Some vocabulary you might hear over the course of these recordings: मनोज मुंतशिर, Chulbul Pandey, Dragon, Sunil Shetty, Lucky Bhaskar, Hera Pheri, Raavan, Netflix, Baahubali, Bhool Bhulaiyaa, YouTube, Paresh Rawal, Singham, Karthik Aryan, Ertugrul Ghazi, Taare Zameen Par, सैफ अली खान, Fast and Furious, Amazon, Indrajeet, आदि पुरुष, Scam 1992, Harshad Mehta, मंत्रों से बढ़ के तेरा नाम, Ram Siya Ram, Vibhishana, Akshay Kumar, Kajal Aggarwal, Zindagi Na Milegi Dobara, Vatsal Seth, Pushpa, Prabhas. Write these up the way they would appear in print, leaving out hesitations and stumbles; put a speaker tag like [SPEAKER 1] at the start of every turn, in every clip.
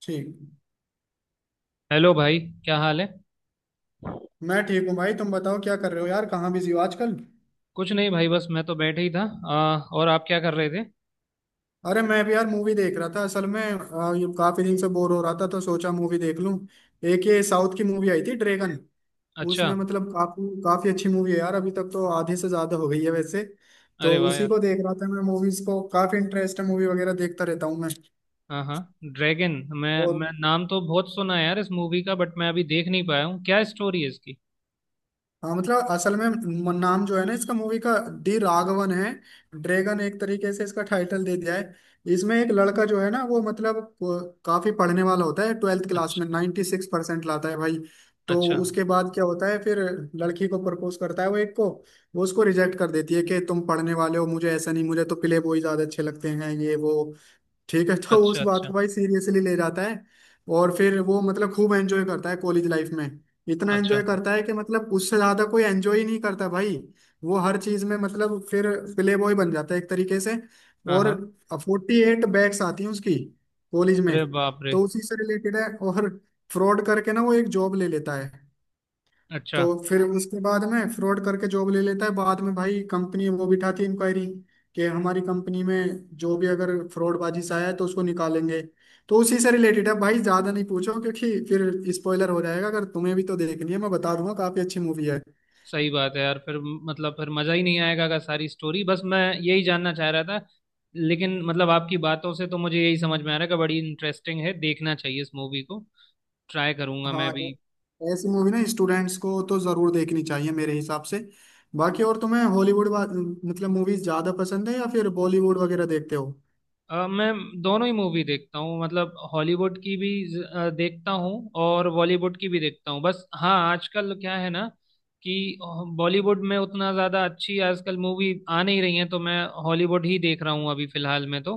[SPEAKER 1] ठीक।
[SPEAKER 2] हेलो भाई। क्या हाल है?
[SPEAKER 1] मैं ठीक हूँ भाई, तुम बताओ क्या कर रहे हो यार, कहाँ बिजी हो आजकल।
[SPEAKER 2] कुछ नहीं भाई, बस मैं तो बैठे ही था। और आप क्या कर रहे थे?
[SPEAKER 1] अरे मैं भी यार मूवी देख रहा था असल में, ये काफी दिन से बोर हो रहा था तो सोचा मूवी देख लूँ। एक ये साउथ की मूवी आई थी, ड्रैगन।
[SPEAKER 2] अच्छा।
[SPEAKER 1] उसमें मतलब काफी काफी अच्छी मूवी है यार, अभी तक तो आधे से ज्यादा हो गई है वैसे। तो
[SPEAKER 2] अरे वाह
[SPEAKER 1] उसी
[SPEAKER 2] यार।
[SPEAKER 1] को देख रहा था मैं, मूवीज को काफी इंटरेस्ट है, मूवी वगैरह देखता रहता हूँ मैं।
[SPEAKER 2] हाँ हाँ। ड्रैगन। मैं
[SPEAKER 1] और
[SPEAKER 2] मैं नाम तो बहुत सुना है यार इस मूवी का, बट मैं अभी देख नहीं पाया हूँ। क्या स्टोरी है इसकी?
[SPEAKER 1] हाँ मतलब असल में नाम जो है ना इसका मूवी का, डी राघवन है। ड्रैगन एक तरीके से इसका टाइटल दे दिया है। इसमें एक लड़का जो है ना वो मतलब वो काफी पढ़ने वाला होता है, 12th क्लास
[SPEAKER 2] अच्छा
[SPEAKER 1] में 96% सिक्स परसेंट लाता है भाई। तो
[SPEAKER 2] अच्छा।
[SPEAKER 1] उसके बाद क्या होता है फिर लड़की को प्रपोज करता है वो, एक को। वो उसको रिजेक्ट कर देती है कि तुम पढ़ने वाले हो, मुझे ऐसा नहीं, मुझे तो प्ले बॉय ज्यादा अच्छे लगते हैं, ये वो। ठीक है तो उस
[SPEAKER 2] अच्छा।
[SPEAKER 1] बात को
[SPEAKER 2] अच्छा।
[SPEAKER 1] भाई सीरियसली ले जाता है। और फिर वो मतलब खूब एंजॉय करता है कॉलेज लाइफ में। इतना
[SPEAKER 2] अच्छा।
[SPEAKER 1] एंजॉय करता है कि मतलब उससे ज्यादा कोई एंजॉय ही नहीं करता भाई। वो हर चीज में मतलब फिर प्ले बॉय बन जाता है एक तरीके से।
[SPEAKER 2] हाँ
[SPEAKER 1] और
[SPEAKER 2] हाँ।
[SPEAKER 1] 48 बैग्स आती हैं उसकी, कॉलेज में।
[SPEAKER 2] अरे बाप रे।
[SPEAKER 1] तो उसी से रिलेटेड है। और फ्रॉड करके ना वो एक जॉब ले लेता है। तो
[SPEAKER 2] अच्छा।
[SPEAKER 1] फिर उसके बाद में फ्रॉड करके जॉब ले लेता है, बाद में भाई कंपनी वो बिठाती है इंक्वायरी कि हमारी कंपनी में जो भी अगर फ्रॉडबाजी से आया है तो उसको निकालेंगे। तो उसी से रिलेटेड है भाई, ज्यादा नहीं पूछो क्योंकि फिर स्पॉइलर हो जाएगा, अगर तुम्हें भी तो देखनी है, मैं बता दूंगा, काफी अच्छी मूवी है।
[SPEAKER 2] सही बात है यार। फिर मतलब फिर मज़ा ही नहीं आएगा का सारी स्टोरी, बस मैं यही जानना चाह रहा था। लेकिन मतलब आपकी बातों से तो मुझे यही समझ में आ रहा है कि बड़ी इंटरेस्टिंग है, देखना चाहिए इस मूवी को। ट्राई करूंगा
[SPEAKER 1] हाँ
[SPEAKER 2] मैं भी।
[SPEAKER 1] ऐसी मूवी ना स्टूडेंट्स को तो जरूर देखनी चाहिए मेरे हिसाब से। बाकी और तुम्हें हॉलीवुड मतलब मूवीज ज्यादा पसंद है या फिर बॉलीवुड वगैरह देखते हो?
[SPEAKER 2] मैं दोनों ही मूवी देखता हूँ, मतलब हॉलीवुड की भी देखता हूँ और बॉलीवुड की भी देखता हूँ। बस हाँ, आजकल क्या है ना कि बॉलीवुड में उतना ज़्यादा अच्छी आजकल मूवी आ नहीं रही है, तो मैं हॉलीवुड ही देख रहा हूँ अभी फिलहाल में तो।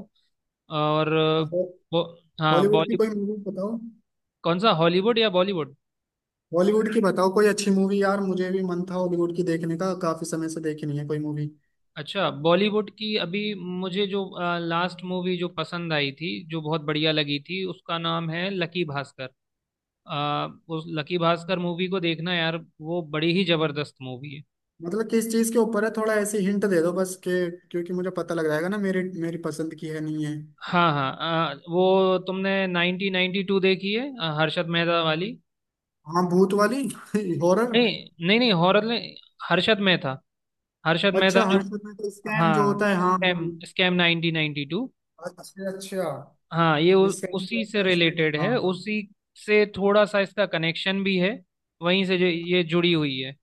[SPEAKER 2] और
[SPEAKER 1] हो-
[SPEAKER 2] वो हाँ
[SPEAKER 1] हॉलीवुड की
[SPEAKER 2] बॉली।
[SPEAKER 1] कोई मूवी बताओ।
[SPEAKER 2] कौन सा, हॉलीवुड या बॉलीवुड?
[SPEAKER 1] हॉलीवुड की बताओ कोई अच्छी मूवी यार, मुझे भी मन था हॉलीवुड की देखने का, काफी समय से देखी नहीं है कोई मूवी।
[SPEAKER 2] अच्छा, बॉलीवुड की अभी मुझे जो लास्ट मूवी जो पसंद आई थी, जो बहुत बढ़िया लगी थी, उसका नाम है लकी भास्कर। उस लकी भास्कर मूवी को देखना यार, वो बड़ी ही जबरदस्त मूवी है।
[SPEAKER 1] मतलब किस चीज के ऊपर है, थोड़ा ऐसी हिंट दे दो बस के, क्योंकि मुझे पता लग जाएगा ना मेरी मेरी पसंद की है नहीं है।
[SPEAKER 2] हाँ हाँ। वो तुमने 1992 देखी है, हर्षद मेहता वाली?
[SPEAKER 1] हाँ, भूत वाली हॉरर।
[SPEAKER 2] नहीं नहीं नहीं, हॉरर नहीं। हर्षद मेहता। हर्षद मेहता
[SPEAKER 1] अच्छा,
[SPEAKER 2] जो।
[SPEAKER 1] हर्षद मेहता स्कैम जो
[SPEAKER 2] हाँ,
[SPEAKER 1] होता है, हाँ।
[SPEAKER 2] Scam, scam 1992।
[SPEAKER 1] अच्छा अच्छा।
[SPEAKER 2] हाँ, ये उ,
[SPEAKER 1] स्कैम जो
[SPEAKER 2] उसी
[SPEAKER 1] होता
[SPEAKER 2] से
[SPEAKER 1] है उसमें,
[SPEAKER 2] रिलेटेड
[SPEAKER 1] हाँ।
[SPEAKER 2] है। उसी से थोड़ा सा इसका कनेक्शन भी है, वहीं से जो ये जुड़ी हुई है।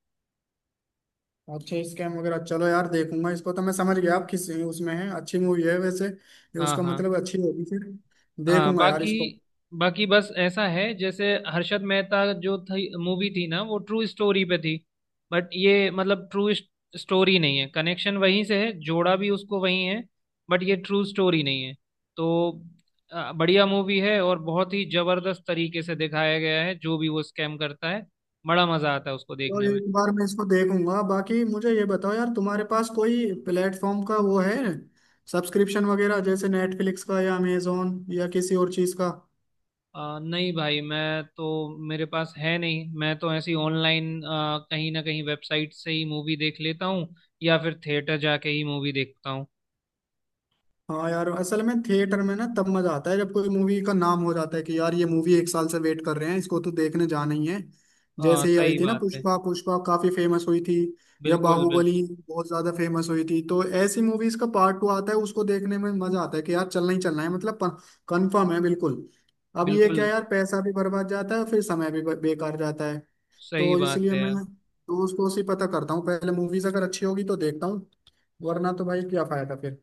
[SPEAKER 1] अच्छा स्कैम वगैरह, चलो यार देखूंगा इसको, तो मैं समझ गया आप किस उसमें है, अच्छी मूवी है वैसे ये
[SPEAKER 2] हाँ
[SPEAKER 1] उसका
[SPEAKER 2] हाँ
[SPEAKER 1] मतलब, अच्छी होगी फिर।
[SPEAKER 2] हाँ।
[SPEAKER 1] देखूंगा यार
[SPEAKER 2] बाकी,
[SPEAKER 1] इसको।
[SPEAKER 2] बाकी बस ऐसा है, जैसे हर्षद मेहता जो थी मूवी थी ना, वो ट्रू स्टोरी पे थी, बट ये मतलब ट्रू स्टोरी नहीं है। कनेक्शन वहीं से है, जोड़ा भी उसको वहीं है, बट ये ट्रू स्टोरी नहीं है तो बढ़िया मूवी है। और बहुत ही जबरदस्त तरीके से दिखाया गया है जो भी वो स्कैम करता है। बड़ा मजा आता है उसको
[SPEAKER 1] चलो
[SPEAKER 2] देखने में।
[SPEAKER 1] एक बार मैं इसको देखूंगा। बाकी मुझे ये बताओ यार तुम्हारे पास कोई प्लेटफॉर्म का वो है, सब्सक्रिप्शन वगैरह जैसे नेटफ्लिक्स का या अमेजोन या किसी और चीज का?
[SPEAKER 2] नहीं भाई, मैं तो, मेरे पास है नहीं। मैं तो ऐसी ऑनलाइन कहीं ना कहीं वेबसाइट से ही मूवी देख लेता हूँ, या फिर थिएटर जाके ही मूवी देखता हूँ।
[SPEAKER 1] हाँ यार असल में थिएटर में ना तब मजा आता है जब कोई मूवी का नाम हो जाता है कि यार ये मूवी एक साल से वेट कर रहे हैं इसको तो देखने जाना ही है। जैसे ही आई
[SPEAKER 2] सही
[SPEAKER 1] थी ना
[SPEAKER 2] बात है।
[SPEAKER 1] पुष्पा, पुष्पा काफी फेमस हुई थी। या
[SPEAKER 2] बिल्कुल बिल्कुल।
[SPEAKER 1] बाहुबली बहुत ज्यादा फेमस हुई थी। तो ऐसी मूवीज का पार्ट 2 आता है उसको देखने में मजा आता है कि यार चलना ही चलना है मतलब, कंफर्म है बिल्कुल। अब ये क्या
[SPEAKER 2] बिल्कुल
[SPEAKER 1] यार पैसा भी बर्बाद जाता है फिर समय भी बेकार जाता है।
[SPEAKER 2] सही
[SPEAKER 1] तो
[SPEAKER 2] बात
[SPEAKER 1] इसलिए
[SPEAKER 2] है
[SPEAKER 1] मैं
[SPEAKER 2] यार।
[SPEAKER 1] दोस्त को ही पता करता हूँ पहले, मूवीज अगर अच्छी होगी तो देखता हूँ, वरना तो भाई क्या फायदा फिर।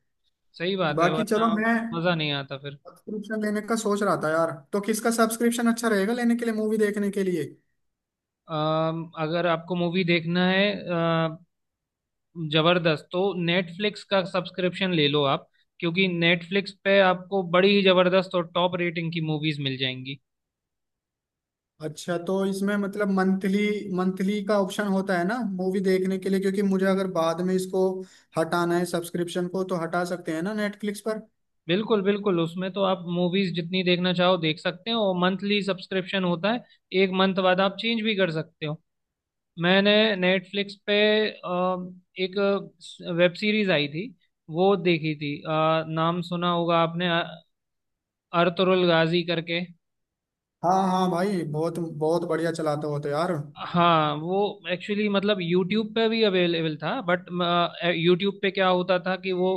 [SPEAKER 2] सही बात है,
[SPEAKER 1] बाकी चलो
[SPEAKER 2] वरना
[SPEAKER 1] मैं
[SPEAKER 2] मज़ा नहीं आता फिर।
[SPEAKER 1] सब्सक्रिप्शन लेने का सोच रहा था यार, तो किसका सब्सक्रिप्शन अच्छा रहेगा लेने के लिए, मूवी देखने के लिए?
[SPEAKER 2] अगर आपको मूवी देखना है जबरदस्त, तो नेटफ्लिक्स का सब्सक्रिप्शन ले लो आप, क्योंकि नेटफ्लिक्स पे आपको बड़ी ही जबरदस्त और टॉप रेटिंग की मूवीज मिल जाएंगी।
[SPEAKER 1] अच्छा तो इसमें मतलब मंथली, मंथली का ऑप्शन होता है ना मूवी देखने के लिए, क्योंकि मुझे अगर बाद में इसको हटाना है सब्सक्रिप्शन को तो हटा सकते हैं ना नेटफ्लिक्स पर?
[SPEAKER 2] बिल्कुल बिल्कुल, उसमें तो आप मूवीज जितनी देखना चाहो देख सकते हो। मंथली सब्सक्रिप्शन होता है, एक मंथ बाद आप चेंज भी कर सकते हो। मैंने नेटफ्लिक्स पे अ, एक वेब सीरीज आई थी, वो देखी थी। नाम सुना होगा आपने, अर्तुरुल गाजी करके।
[SPEAKER 1] हाँ हाँ भाई बहुत बहुत बढ़िया चलाते हो तो यार।
[SPEAKER 2] हाँ वो एक्चुअली मतलब यूट्यूब पे भी अवेलेबल था, बट यूट्यूब पे क्या होता था कि वो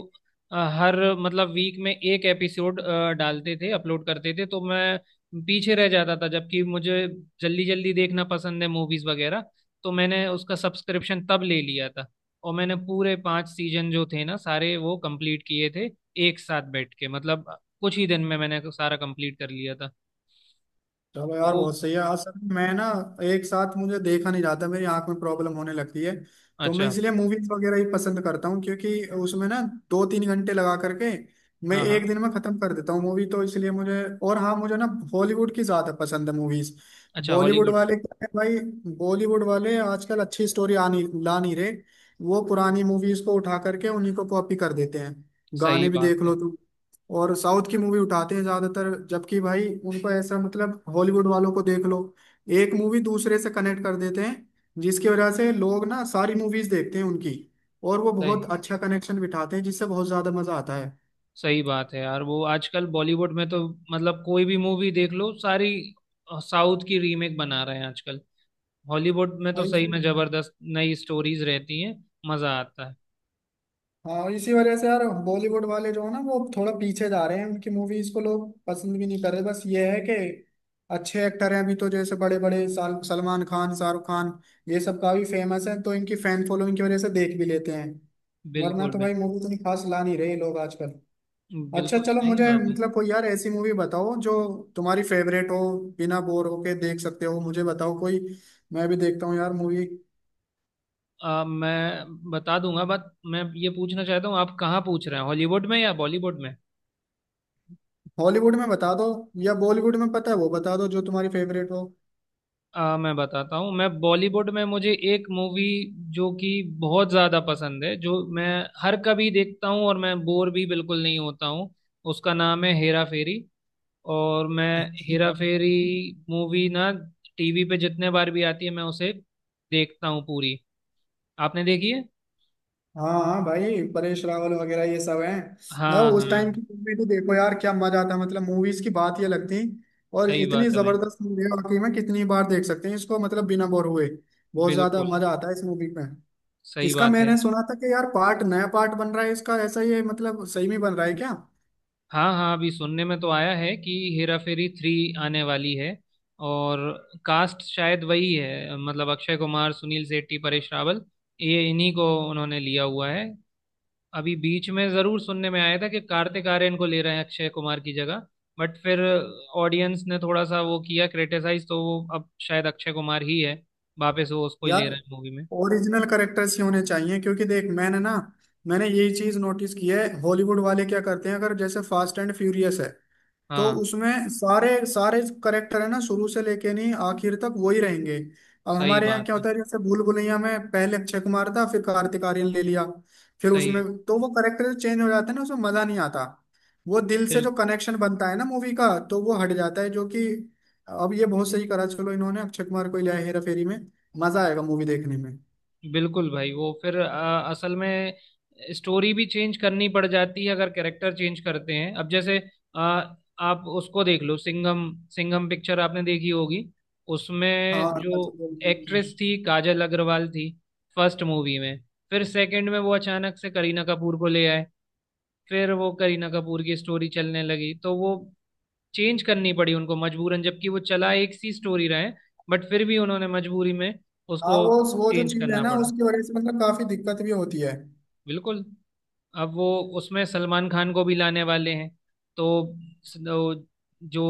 [SPEAKER 2] हर मतलब वीक में एक एपिसोड डालते थे, अपलोड करते थे, तो मैं पीछे रह जाता था। जबकि मुझे जल्दी जल्दी देखना पसंद है मूवीज वगैरह, तो मैंने उसका सब्सक्रिप्शन तब ले लिया था। और मैंने पूरे पांच सीजन जो थे ना सारे, वो कंप्लीट किए थे एक साथ बैठ के। मतलब कुछ ही दिन में मैंने सारा कंप्लीट कर लिया था।
[SPEAKER 1] चलो यार
[SPEAKER 2] तो
[SPEAKER 1] बहुत सही है। असल में मैं ना एक साथ मुझे देखा नहीं जाता, मेरी आंख में प्रॉब्लम होने लगती है। तो मैं
[SPEAKER 2] अच्छा।
[SPEAKER 1] इसलिए मूवीज वगैरह ही पसंद करता हूँ क्योंकि उसमें ना 2-3 घंटे लगा करके मैं
[SPEAKER 2] हाँ हाँ।
[SPEAKER 1] एक दिन में खत्म कर देता हूँ मूवी, तो इसलिए मुझे, और हाँ मुझे ना हॉलीवुड की ज्यादा पसंद है मूवीज।
[SPEAKER 2] अच्छा
[SPEAKER 1] बॉलीवुड
[SPEAKER 2] हॉलीवुड।
[SPEAKER 1] वाले क्या है भाई, बॉलीवुड वाले आजकल अच्छी स्टोरी आ नहीं, ला नहीं रहे। वो पुरानी मूवीज को उठा करके उन्हीं को कॉपी कर देते हैं, गाने
[SPEAKER 2] सही
[SPEAKER 1] भी
[SPEAKER 2] बात
[SPEAKER 1] देख लो।
[SPEAKER 2] है।
[SPEAKER 1] और साउथ की मूवी उठाते हैं ज्यादातर, जबकि भाई उनको ऐसा मतलब, हॉलीवुड वालों को देख लो, एक मूवी दूसरे से कनेक्ट कर देते हैं जिसकी वजह से लोग ना सारी मूवीज देखते हैं उनकी, और वो बहुत
[SPEAKER 2] सही,
[SPEAKER 1] अच्छा कनेक्शन बिठाते हैं जिससे बहुत ज्यादा मजा आता है
[SPEAKER 2] सही बात है यार। वो आजकल बॉलीवुड में तो मतलब कोई भी मूवी देख लो, सारी साउथ की रीमेक बना रहे हैं आजकल। हॉलीवुड में तो
[SPEAKER 1] भाई।
[SPEAKER 2] सही में जबरदस्त नई स्टोरीज रहती हैं, मजा आता है।
[SPEAKER 1] हाँ इसी वजह से यार बॉलीवुड वाले जो है ना वो थोड़ा पीछे जा रहे हैं, उनकी मूवीज को लोग पसंद भी नहीं कर रहे, बस ये है कि अच्छे एक्टर हैं अभी तो जैसे बड़े बड़े साल सलमान खान, शाहरुख खान, ये सब काफी फेमस है तो इनकी फैन फॉलोइंग की वजह से देख भी लेते हैं, वरना
[SPEAKER 2] बिल्कुल
[SPEAKER 1] तो भाई
[SPEAKER 2] बिल्कुल।
[SPEAKER 1] मूवी इतनी खास ला नहीं रहे लोग आजकल। अच्छा
[SPEAKER 2] बिल्कुल
[SPEAKER 1] चलो
[SPEAKER 2] सही
[SPEAKER 1] मुझे
[SPEAKER 2] बात है।
[SPEAKER 1] मतलब कोई यार ऐसी मूवी बताओ जो तुम्हारी फेवरेट हो, बिना बोर होके देख सकते हो, मुझे बताओ कोई, मैं भी देखता हूँ यार मूवी।
[SPEAKER 2] मैं बता दूंगा, बट मैं ये पूछना चाहता हूँ, आप कहाँ पूछ रहे हैं, हॉलीवुड में या बॉलीवुड में?
[SPEAKER 1] हॉलीवुड में बता दो या बॉलीवुड में पता है वो बता दो जो तुम्हारी फेवरेट हो।
[SPEAKER 2] मैं बताता हूँ, मैं बॉलीवुड में मुझे एक मूवी जो कि बहुत ज़्यादा पसंद है, जो मैं हर कभी देखता हूँ और मैं बोर भी बिल्कुल नहीं होता हूँ, उसका नाम है हेरा फेरी। और मैं, हेरा फेरी मूवी ना टीवी पे जितने बार भी आती है, मैं उसे देखता हूँ पूरी। आपने देखी है?
[SPEAKER 1] हाँ हाँ भाई परेश रावल वगैरह ये सब हैं ना
[SPEAKER 2] हाँ हाँ
[SPEAKER 1] उस टाइम की
[SPEAKER 2] हाँ।
[SPEAKER 1] मूवी तो, देखो यार क्या मजा आता मतलब, मूवीज की बात ये लगती, और
[SPEAKER 2] सही
[SPEAKER 1] इतनी
[SPEAKER 2] बात है भाई।
[SPEAKER 1] जबरदस्त मूवी है वाकई में, कितनी बार देख सकते हैं इसको मतलब बिना बोर हुए, बहुत ज्यादा
[SPEAKER 2] बिल्कुल
[SPEAKER 1] मजा आता है इस मूवी में।
[SPEAKER 2] सही
[SPEAKER 1] इसका
[SPEAKER 2] बात है।
[SPEAKER 1] मैंने सुना था कि यार पार्ट, नया पार्ट बन रहा है इसका ऐसा, ये मतलब सही में बन रहा है क्या?
[SPEAKER 2] हाँ हाँ, अभी सुनने में तो आया है कि हेरा फेरी थ्री आने वाली है। और कास्ट शायद वही है, मतलब अक्षय कुमार, सुनील शेट्टी, परेश रावल, ये इन्हीं को उन्होंने लिया हुआ है। अभी बीच में जरूर सुनने में आया था कि कार्तिक आर्यन को ले रहे हैं अक्षय कुमार की जगह, बट फिर ऑडियंस ने थोड़ा सा वो किया, क्रिटिसाइज, तो वो अब शायद अक्षय कुमार ही है, वापस वो उसको ही ले
[SPEAKER 1] यार
[SPEAKER 2] रहे हैं मूवी में।
[SPEAKER 1] ओरिजिनल करेक्टर्स ही होने चाहिए, क्योंकि देख मैंने ना, मैंने यही चीज नोटिस की है हॉलीवुड वाले क्या करते हैं अगर जैसे फास्ट एंड फ्यूरियस है, तो
[SPEAKER 2] हाँ।
[SPEAKER 1] उसमें सारे सारे करेक्टर है ना शुरू से लेके नहीं आखिर तक वही रहेंगे। अब
[SPEAKER 2] सही
[SPEAKER 1] हमारे यहाँ
[SPEAKER 2] बात
[SPEAKER 1] क्या
[SPEAKER 2] है।
[SPEAKER 1] होता है जैसे भूल भुलैया में पहले अक्षय कुमार था फिर कार्तिक आर्यन ले लिया, फिर
[SPEAKER 2] सही
[SPEAKER 1] उसमें
[SPEAKER 2] है।
[SPEAKER 1] तो वो करेक्टर चेंज हो जाते हैं ना उसमें मजा नहीं आता, वो दिल से
[SPEAKER 2] फिर
[SPEAKER 1] जो कनेक्शन बनता है ना मूवी का तो वो हट जाता है जो कि। अब ये बहुत सही करा चलो इन्होंने अक्षय कुमार को लिया है हेरा फेरी में, मजा आएगा मूवी देखने में।
[SPEAKER 2] बिल्कुल भाई वो फिर असल में स्टोरी भी चेंज करनी पड़ जाती है अगर कैरेक्टर चेंज करते हैं। अब जैसे अ, आप उसको देख लो, सिंघम, सिंघम पिक्चर आपने देखी होगी।
[SPEAKER 1] हाँ
[SPEAKER 2] उसमें जो
[SPEAKER 1] अजय देवगन की।
[SPEAKER 2] एक्ट्रेस थी, काजल अग्रवाल थी फर्स्ट मूवी में। फिर सेकंड में वो अचानक से करीना कपूर को ले आए, फिर वो करीना कपूर की स्टोरी चलने लगी, तो वो चेंज करनी पड़ी उनको मजबूरन। जबकि वो चला एक सी स्टोरी रहे, बट फिर भी उन्होंने मजबूरी में
[SPEAKER 1] हाँ
[SPEAKER 2] उसको
[SPEAKER 1] वो जो
[SPEAKER 2] चेंज
[SPEAKER 1] चीज है
[SPEAKER 2] करना
[SPEAKER 1] ना
[SPEAKER 2] पड़ा।
[SPEAKER 1] उसकी वजह से मतलब काफी दिक्कत भी होती है।
[SPEAKER 2] बिल्कुल। अब वो उसमें सलमान खान को भी लाने वाले हैं, तो वो जो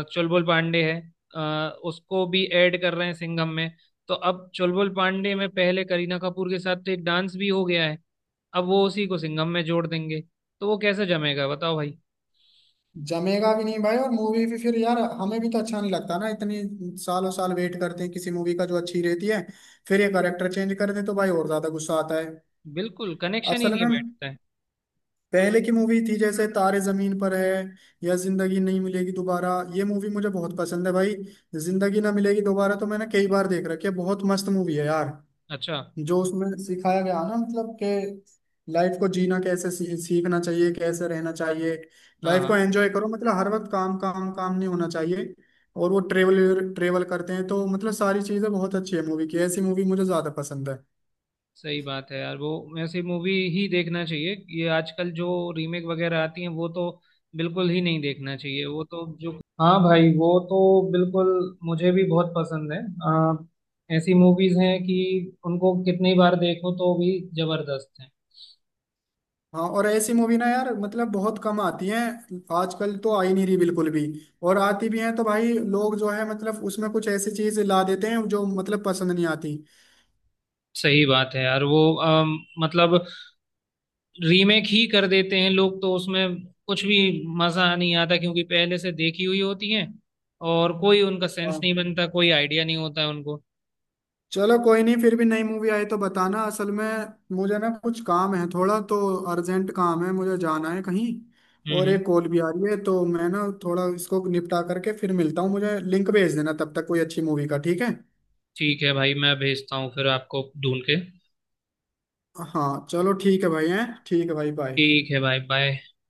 [SPEAKER 2] चुलबुल पांडे है, अ, उसको भी ऐड कर रहे हैं सिंघम में। तो अब चुलबुल पांडे में पहले करीना कपूर के साथ तो एक डांस भी हो गया है, अब वो उसी को सिंघम में जोड़ देंगे, तो वो कैसे जमेगा बताओ भाई?
[SPEAKER 1] जमेगा भी नहीं भाई और मूवी भी फिर यार हमें भी तो अच्छा नहीं लगता ना, इतनी सालों साल वेट करते हैं किसी मूवी का जो अच्छी रहती है, फिर ये करेक्टर चेंज कर दे तो भाई और ज्यादा गुस्सा आता है।
[SPEAKER 2] बिल्कुल, कनेक्शन ही
[SPEAKER 1] असल
[SPEAKER 2] नहीं
[SPEAKER 1] में
[SPEAKER 2] बैठता है।
[SPEAKER 1] पहले की मूवी थी जैसे तारे जमीन पर है या जिंदगी नहीं मिलेगी दोबारा, ये मूवी मुझे बहुत पसंद है भाई। जिंदगी ना मिलेगी दोबारा तो मैंने कई बार देख रखी है, बहुत मस्त मूवी है यार।
[SPEAKER 2] अच्छा।
[SPEAKER 1] जो उसमें सिखाया गया ना मतलब कि लाइफ को जीना कैसे सीखना चाहिए, कैसे रहना चाहिए,
[SPEAKER 2] हाँ
[SPEAKER 1] लाइफ को
[SPEAKER 2] हाँ,
[SPEAKER 1] एंजॉय करो मतलब, हर वक्त काम काम काम नहीं होना चाहिए। और वो ट्रेवल ट्रेवल करते हैं तो मतलब सारी चीजें बहुत अच्छी है मूवी की, ऐसी मूवी मुझे ज्यादा पसंद है।
[SPEAKER 2] सही बात है यार। वो ऐसी मूवी ही देखना चाहिए, ये आजकल जो रीमेक वगैरह आती हैं वो तो बिल्कुल ही नहीं देखना चाहिए। वो तो जो, हाँ भाई वो तो बिल्कुल, मुझे भी बहुत पसंद है। ऐसी मूवीज हैं कि उनको कितनी बार देखो तो भी जबरदस्त है।
[SPEAKER 1] हाँ और ऐसी मूवी ना यार मतलब बहुत कम आती हैं, आजकल तो आई नहीं रही बिल्कुल भी, और आती भी हैं तो भाई लोग जो है मतलब उसमें कुछ ऐसी चीज ला देते हैं जो मतलब पसंद नहीं आती।
[SPEAKER 2] सही बात है यार। वो मतलब रीमेक ही कर देते हैं लोग, तो उसमें कुछ भी मजा नहीं आता, क्योंकि पहले से देखी हुई होती हैं, और कोई उनका सेंस
[SPEAKER 1] हाँ।
[SPEAKER 2] नहीं बनता, कोई आइडिया नहीं होता है उनको।
[SPEAKER 1] चलो कोई नहीं, फिर भी नई मूवी आई तो बताना। असल में मुझे ना कुछ काम है थोड़ा तो, अर्जेंट काम है मुझे जाना है कहीं,
[SPEAKER 2] हम्म
[SPEAKER 1] और
[SPEAKER 2] हम्म।
[SPEAKER 1] एक कॉल भी आ रही है तो मैं ना थोड़ा इसको निपटा करके फिर मिलता हूँ, मुझे लिंक भेज देना तब तक कोई अच्छी मूवी का, ठीक है?
[SPEAKER 2] ठीक है भाई, मैं भेजता हूँ फिर आपको ढूंढ के।
[SPEAKER 1] हाँ चलो ठीक है भाई, हैं ठीक है भाई, बाय।
[SPEAKER 2] ठीक है भाई, बाय।